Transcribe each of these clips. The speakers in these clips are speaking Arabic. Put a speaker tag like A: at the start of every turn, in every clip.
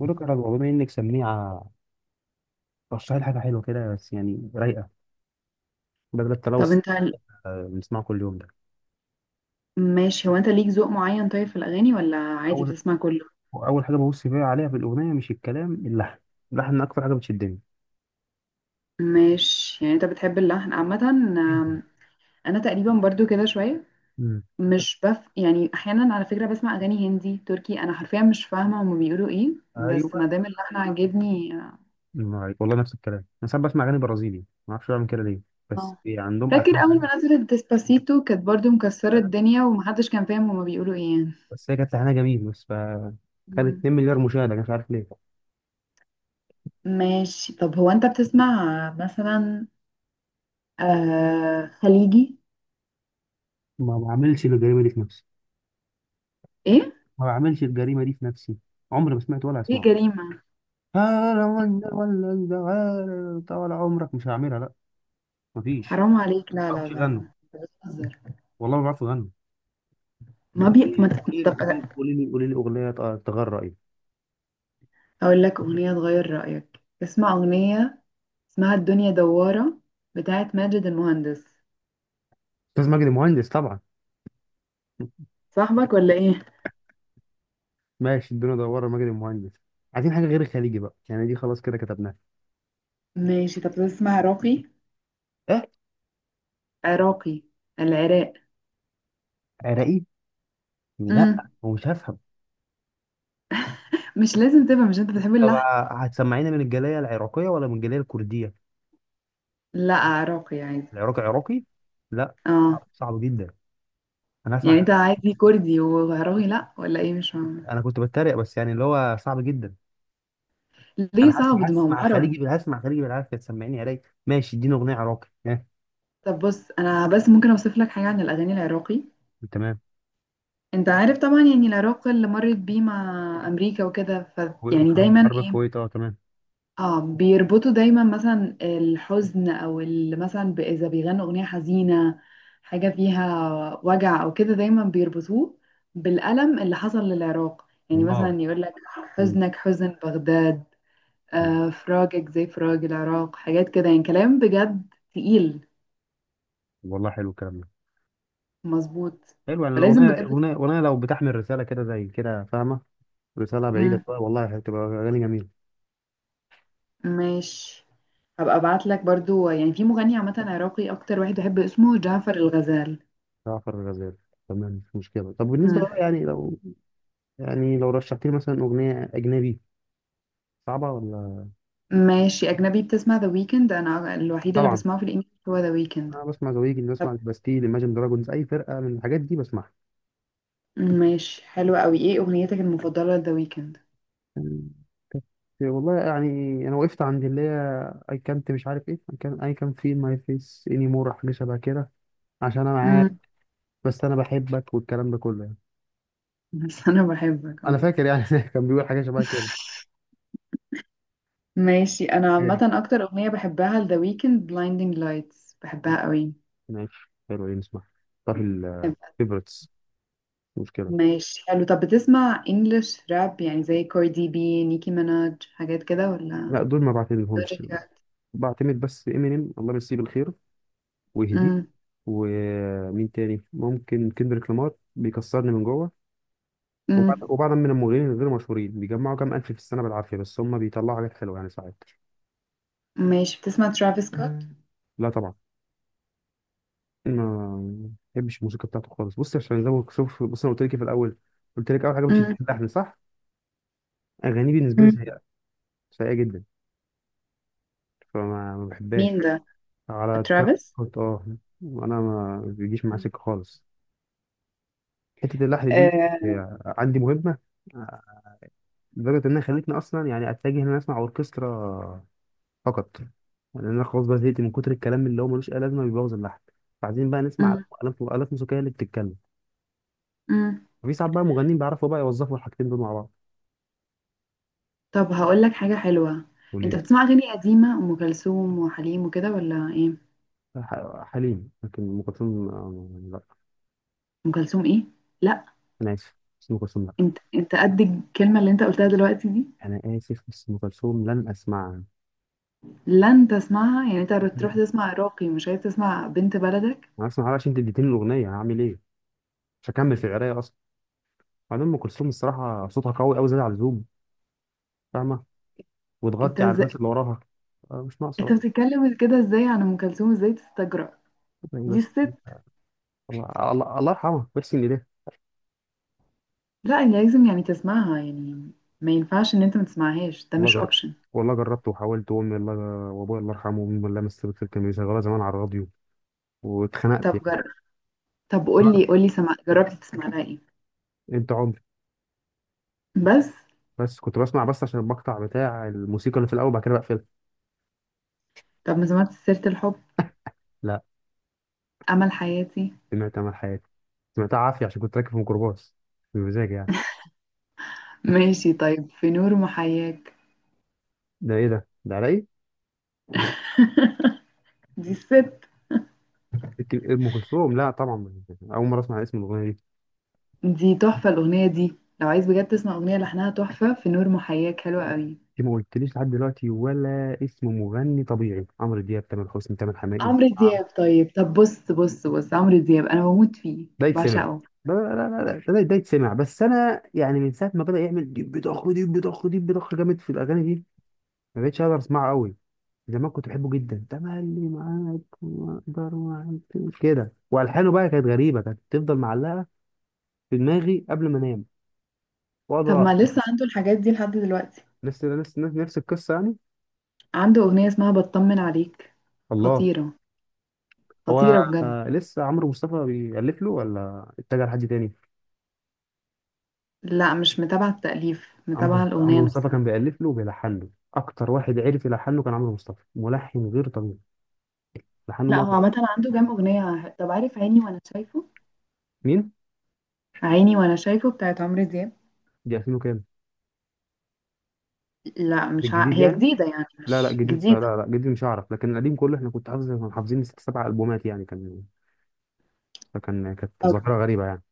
A: بقول لك يا رجل، بما انك سميعه، رشح لي حاجه حلوه كده، بس يعني رايقه، بدل
B: طب
A: التلوث
B: انت
A: اللي بنسمعه كل يوم ده.
B: ماشي، هو انت ليك ذوق معين طيب في الاغاني ولا عادي
A: اول
B: بتسمع كله؟
A: اول حاجه ببص فيها عليها في الاغنيه مش الكلام، اللحن اكتر حاجه بتشدني
B: ماشي، يعني انت بتحب اللحن عامه؟
A: جدا.
B: انا تقريبا برضو كده شويه.
A: امم
B: مش يعني احيانا على فكره بسمع اغاني هندي تركي، انا حرفيا مش فاهمه هما بيقولوا ايه، بس
A: ايوه.
B: ما دام اللحن عاجبني.
A: عليك. والله نفس الكلام، انا ساعات بسمع اغاني برازيلي، ما اعرفش بعمل كده ليه، بس
B: اه،
A: عندهم
B: فاكر اول
A: الحان.
B: ما نزلت ديسباسيتو كانت برضو مكسره
A: أيوة.
B: الدنيا ومحدش كان فاهم هما بيقولوا ايه يعني.
A: بس هي كانت لحنها جميل، بس ف خدت
B: مم.
A: 2 مليار مشاهده، مش عارف ليه.
B: ماشي، طب هو انت بتسمع مثلا خليجي؟
A: ما بعملش الجريمه دي في نفسي.
B: ايه؟
A: ما بعملش الجريمه دي في نفسي، عمري ما سمعت ولا
B: ايه
A: اسمعه.
B: جريمه؟
A: تعالى، ولا تعالى، طول عمرك مش هعملها، لا، مفيش.
B: حرام عليك، لا
A: ما
B: لا
A: بعرفش
B: لا لا،
A: اغنوا،
B: أنت بتهزر.
A: والله ما بعرف اغني.
B: ما
A: طب
B: بي ما
A: ايه؟
B: ت-
A: قولي لي،
B: طب
A: قولي لي،
B: أنا
A: قولي لي، قولي لي اغنيه. تغرى ايه؟
B: اقول لك اغنيه تغير رايك، اسمع اغنيه اسمها الدنيا دواره بتاعت ماجد المهندس.
A: استاذ مجدي مهندس، طبعا.
B: صاحبك ولا ايه؟
A: ماشي، الدنيا دوار، مجدي مهندس. عايزين حاجه غير الخليجي بقى يعني، دي خلاص كده كتبناها.
B: ماشي، طب تسمع عراقي؟
A: ايه،
B: عراقي، العراق.
A: عراقي؟
B: امم
A: لا، هو مش هفهم.
B: مش لازم تبقى، مش انت بتحب
A: طب
B: اللحن؟
A: هتسمعينا من الجاليه العراقيه ولا من الجاليه الكرديه؟
B: لا عراقي عادي.
A: العراقي عراقي؟ لا.
B: اه،
A: صعب، صعب جدا. انا
B: يعني
A: هسمع.
B: انت عادي كردي وعراقي لا، ولا ايه؟ مش فاهمه.
A: انا كنت بتريق، بس يعني اللي هو صعب جدا.
B: ليه
A: انا
B: صعب
A: هسمع،
B: ده؟ ما هم عرب.
A: خليجي هسمع خليجي بالعافيه، تسمعني علي. ماشي، اديني اغنيه عراقي ها.
B: طب بص، انا بس ممكن اوصف لك حاجه عن الاغاني العراقي.
A: تمام.
B: انت عارف طبعا يعني العراق اللي مرت بيه مع امريكا وكده، ف
A: و-
B: يعني
A: وحرب،
B: دايما
A: حرب
B: ايه،
A: الكويت، اه تمام.
B: اه بيربطوا دايما مثلا الحزن او مثلا اذا بيغنوا اغنيه حزينه حاجه فيها وجع او كده، دايما بيربطوه بالالم اللي حصل للعراق. يعني
A: الله.
B: مثلا يقول لك
A: مم.
B: حزنك حزن بغداد، آه فراقك زي فراق العراق، حاجات كده، يعني كلام بجد تقيل.
A: والله حلو الكلام ده.
B: مظبوط،
A: حلو يعني،
B: فلازم
A: الاغنيه
B: بجد.
A: الاغنيه الأغنية لو بتحمل رساله كده زي كده فاهمه، رساله بعيده
B: مم.
A: شويه، والله هتبقى اغاني جميله.
B: ماشي، هبقى ابعت لك برضو، يعني في مغني عامه عراقي اكتر واحد بحب اسمه جعفر الغزال.
A: جعفر الغزال، تمام مش مشكله. طب بالنسبه
B: مم.
A: بقى يعني، لو رشحت لي مثلا اغنيه اجنبي صعبه ولا؟
B: ماشي، اجنبي بتسمع ذا ويكند؟ انا الوحيده اللي
A: طبعا.
B: بسمعه في الانجليزي هو ذا ويكند.
A: انا بسمع زويجي،
B: طب
A: بسمع الباستيل، ايماجن دراجونز، اي فرقه من الحاجات دي بسمعها.
B: ماشي حلو قوي، ايه اغنيتك المفضله لذا ويكند؟
A: والله يعني انا وقفت عند اللي هي، اي كانت، مش عارف ايه، اي كان في ماي فيس اني مور، حاجه شبه كده. عشان انا معاك،
B: مم.
A: بس انا بحبك، والكلام ده كله يعني.
B: بس انا بحبك،
A: انا
B: اه.
A: فاكر يعني كان بيقول حاجه شبه كده.
B: ماشي، انا
A: ايه،
B: عامه اكتر اغنيه بحبها لذا ويكند blinding lights، بحبها قوي.
A: ماشي، حلو. ايه نسمع؟ طب الفيفورتس؟ مشكله.
B: ماشي حلو، طب بتسمع انجلش راب يعني زي كاردي بي، نيكي ميناج، حاجات كده
A: لا
B: ولا؟
A: دول ما بعتمدهمش.
B: لوجيكا.
A: بعتمد بس امينيم، الله يمسيه بالخير ويهديه. ومين تاني؟ ممكن كندريك لامار، بيكسرني من جوه. وبعد
B: امم
A: وبعد من المغنيين الغير مشهورين، بيجمعوا كام الف في السنه بالعافيه، بس هم بيطلعوا حاجات حلوه يعني ساعات.
B: ماشي، بتسمع ترافيس سكوت؟ مم.
A: لا طبعا، ما بحبش الموسيقى بتاعته خالص. بص، عشان زي ما شوف، بص، انا قلت لك إيه في الاول؟ قلت لك اول حاجه مش
B: امم
A: اللحن، صح؟ اغانيه بالنسبه لي
B: مم.
A: سيئه، سيئه جدا. فما ما بحبهاش.
B: مين ده؟
A: على تراب
B: ترافيس.
A: سكوت، اه. انا ما بيجيش معاه
B: مم.
A: سكه خالص. حته اللحن دي
B: آه.
A: هي عندي مهمه. آه، لدرجه انها خلتني اصلا يعني اتجه ان انا اسمع اوركسترا فقط، لان انا خلاص بقى زهقت من كتر الكلام اللي هو ملوش اي لازمه، بيبوظ اللحن. فعايزين بقى نسمع
B: امم
A: آلات، آلات موسيقيه اللي بتتكلم.
B: امم
A: في ساعات بقى مغنيين بيعرفوا بقى يوظفوا الحاجتين دول مع بعض.
B: طب هقول لك حاجة حلوة، انت
A: وليد،
B: بتسمع اغاني قديمة، ام كلثوم وحليم وكده ولا ايه؟
A: حليم، لكن ام كلثوم آه، يعني لا.
B: ام كلثوم، ايه؟ لا،
A: انا اسف، بس ام كلثوم لا.
B: انت انت قد الكلمة اللي انت قلتها دلوقتي دي؟
A: انا اسف بس ام كلثوم لن اسمعها.
B: لن تسمعها يعني؟ انت تروح تسمع عراقي مش عايز تسمع بنت بلدك؟
A: انا اسمعها عشان انت اديتني الاغنيه هعمل ايه، مش هكمل في القرايه اصلا. بعدين ام كلثوم الصراحه صوتها قوي، قوي زياده عن اللزوم، فاهمه؟
B: انت
A: وتغطي على
B: ازاي
A: الناس اللي وراها، آه، مش ناقصه
B: انت
A: بقى
B: بتتكلم كده؟ ازاي عن ام كلثوم؟ ازاي تستجرأ؟
A: يعني.
B: دي
A: بس
B: الست.
A: الله، الله، الله يرحمها ويحسن اليه.
B: لا، يعني لازم يعني تسمعها يعني، ما ينفعش ان انت ما تسمعهاش، ده
A: والله
B: مش
A: جر
B: اوبشن.
A: والله جربت وحاولت، وامي الله وابويا الله يرحمه وامي الله مسكت، كانوا يشغلوها زمان على الراديو، واتخنقت
B: طب
A: يعني.
B: جرب. طب قولي،
A: جر-
B: جربت تسمع لها ايه
A: انت عمري،
B: بس؟
A: بس كنت بسمع بس عشان المقطع بتاع الموسيقى اللي في الاول، بعد كده بقفلها.
B: طب ما سمعت سيرة الحب؟
A: لا،
B: أمل حياتي؟
A: سمعت امل حياتي، سمعتها عافيه عشان كنت راكب في ميكروباص بمزاج يعني.
B: ماشي طيب، في نور محياك؟
A: ده ايه ده؟ ده على ايه؟
B: دي الست.
A: لكن ام كلثوم لا طبعا، اول مره اسمع اسم الاغنيه دي.
B: دي تحفة، الأغنية دي لو عايز بجد تسمع أغنية لحنها تحفة، في نور محياك حلوة قوي.
A: انت ما قلتليش لحد دلوقتي ولا اسم مغني طبيعي، عمرو دياب، تامر حسني، تامر حماقي.
B: عمرو
A: نعم.
B: دياب؟ طيب، طب بص بص بص، عمرو دياب أنا بموت فيه،
A: ده يتسمع؟
B: بعشقه.
A: ده لا، لا، لا، لا، ده، ده يتسمع، بس انا يعني من ساعه ما بدا يعمل ديب ضخ ديب ضخ ديب ضخ جامد في الاغاني دي، ما بقتش اقدر اسمعه قوي. زمان كنت بحبه جدا، تملي معاك وما اقدر معاك كده. والحانه بقى كانت غريبه، كانت تفضل معلقه في دماغي قبل ما انام
B: طب ما
A: واقعد.
B: لسه عنده الحاجات دي لحد دلوقتي؟
A: نفس القصه يعني.
B: عنده أغنية اسمها بطمن عليك،
A: الله.
B: خطيرة،
A: هو
B: خطيرة بجد.
A: آه لسه عمرو مصطفى بيألف له ولا اتجه لحد تاني؟
B: لا، مش متابعة التأليف، متابعة
A: عمرو
B: الأغنية
A: عمرو مصطفى
B: نفسها.
A: كان بيألف له وبيلحن له، اكتر واحد عرف يلحن له كان عمرو مصطفى، ملحن غير طبيعي، لحنه
B: لا هو
A: مرة.
B: عامة عنده كام أغنية. طب عارف عيني وأنا شايفه؟
A: مين؟
B: عيني وأنا شايفه بتاعت عمرو دياب.
A: دي 2000 وكام؟
B: لا مش
A: الجديد
B: هي
A: يعني.
B: جديدة، يعني
A: لا لا
B: مش
A: جديد، لا
B: جديدة.
A: لا جديد مش هعرف، لكن القديم كله احنا كنت حافظ، كنا حافظين ست سبع البومات يعني، كان، فكان كانت
B: طب.
A: ظاهرة غريبة يعني.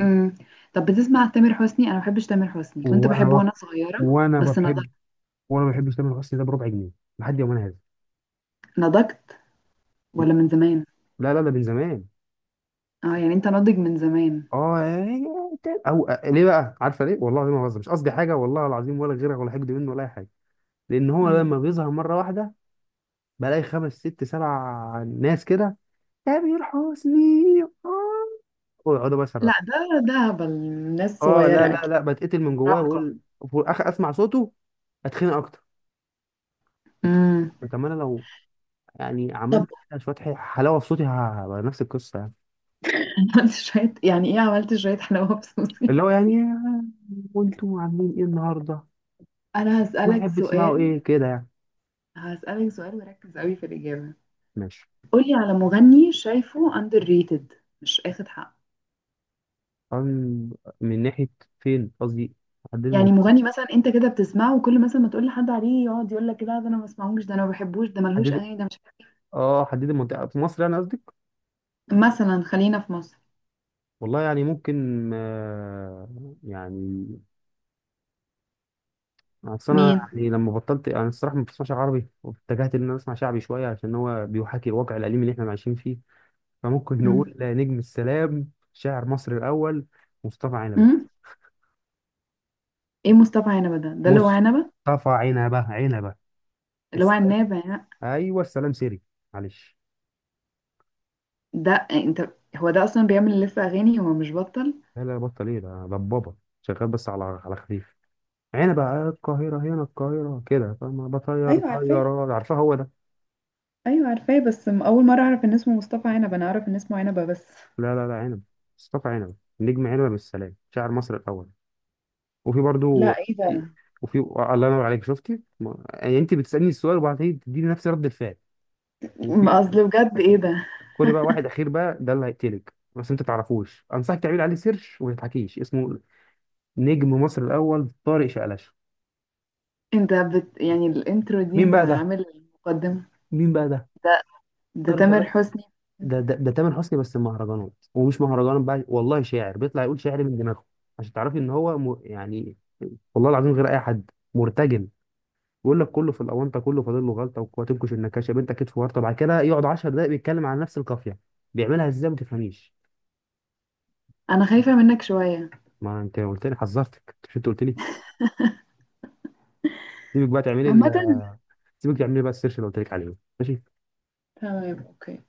B: امم طب بتسمع تامر حسني؟ أنا ما بحبش تامر حسني، كنت
A: وانا
B: بحبه
A: بقى،
B: وأنا صغيرة
A: وانا ما
B: بس
A: بحب
B: نضجت.
A: وانا ما بحبش تامر حسني ده بربع جنيه لحد يومنا هذا.
B: نضجت ولا من زمان؟
A: لا لا، ده من زمان.
B: اه يعني أنت ناضج من زمان.
A: اه، إيه، او آه، ليه بقى عارفه ليه؟ والله العظيم ما بهزر، مش قصدي حاجه، والله العظيم ولا غيرها ولا حقد منه ولا اي حاجه. لان هو
B: امم
A: لما بيظهر مره واحده، بلاقي خمس ست سبع ناس كده، تامر حسني اه، ويقعدوا بقى
B: لا
A: يصرخوا.
B: ده هبل، ناس
A: اه لا
B: صغيرة
A: لا
B: أكيد،
A: لا، بتقتل من جوايا
B: مراهقة.
A: بقول. في الاخر اسمع صوته، اتخنق اكتر.
B: امم
A: طب انا لو يعني
B: طب
A: عملت كده شوية حلاوة في صوتي، نفس القصة يعني.
B: عملت شوية يعني إيه؟ عملت شوية حلاوة بصوصي؟
A: اللي هو يعني "آه، وانتم عاملين ايه النهاردة؟"
B: أنا
A: ما
B: هسألك
A: أحب تسمعوا ايه
B: سؤال،
A: كده يعني.
B: هسألك سؤال وركز قوي في الإجابة.
A: ماشي.
B: قولي على مغني شايفه underrated، مش اخد حقه.
A: أم- من ناحية، فين قصدي، حددي
B: يعني
A: المنطقة.
B: مغني مثلا انت كده بتسمعه وكل مثلا ما تقول لحد عليه يقعد يقول لك لا ده انا ما بسمعهوش، ده انا ما بحبوش، ده ملهوش
A: حددي،
B: اغاني، ده مش عارف.
A: اه حددي المنطقة في مصر يعني قصدك.
B: مثلا خلينا في مصر.
A: والله يعني ممكن آه، يعني أصل أنا
B: مين؟
A: يعني لما بطلت، أنا الصراحة ما بسمعش عربي، واتجهت إن أنا أسمع شعبي شوية، عشان هو بيحاكي الواقع الأليم اللي إحنا عايشين فيه. فممكن
B: مم.
A: نقول نجم السلام شاعر مصر الأول، مصطفى
B: مم؟ ايه مصطفى عنبه ده؟ ده اللي هو عنبه،
A: مصطفى عنبة، عنبة.
B: اللي هو
A: الس...
B: عنابه يعني؟
A: ايوه، السلام سيري، معلش.
B: ده انت، هو ده اصلا بيعمل لف اغاني، هو مش بطل.
A: لا لا، بطل ايه ده؟ ضبابة، شغال بس على خفيف. عنبة آه، القاهرة، هنا القاهرة كده، فما بطير
B: ايوه عارفاه،
A: طيارات، عارفها هو ده.
B: ايوه عارفاه بس اول مره اعرف ان اسمه مصطفى عنبه، انا اعرف ان اسمه عنبه بس.
A: لا لا لا، عنبة، مصطفى عنبة، نجم عنبة بالسلام شاعر مصر الأول. وفي برضو،
B: لا ايه ده؟
A: وفي، الله ينور عليك شفتي يعني انت بتسألني السؤال وبعدين تديني نفس رد الفعل. وفي
B: اصل بجد ايه ده؟
A: كل بقى واحد أخير بقى، ده اللي هيقتلك بس انت تعرفوش، انصحك تعمل عليه سيرش وما تضحكيش اسمه، نجم مصر الاول طارق شقلاشه.
B: انت يعني الانترو دي
A: مين
B: انت
A: بقى ده؟
B: عامل المقدمة؟
A: مين بقى ده؟
B: ده ده
A: طارق
B: تامر
A: شقلاشه.
B: حسني.
A: ده، ده تامر حسني بس المهرجانات، ومش مهرجان بقى، والله شاعر بيطلع يقول شعر من دماغه. عشان تعرفي ان هو يعني، والله العظيم غير اي حد، مرتجل، بيقول لك كله في الاونطه، كله فاضل له غلطه وتنكش النكاشه بنتك كتف ورطه، بعد كده يقعد 10 دقائق بيتكلم عن نفس القافيه. بيعملها ازاي ما تفهميش.
B: انا خايفة منك شوية.
A: ما انت قلت لي، حذرتك مش انت قلت لي. سيبك بقى تعملي
B: عامة
A: سيبك تعملي بقى السيرش اللي قلت لك عليه، ماشي.
B: تمام، اوكي.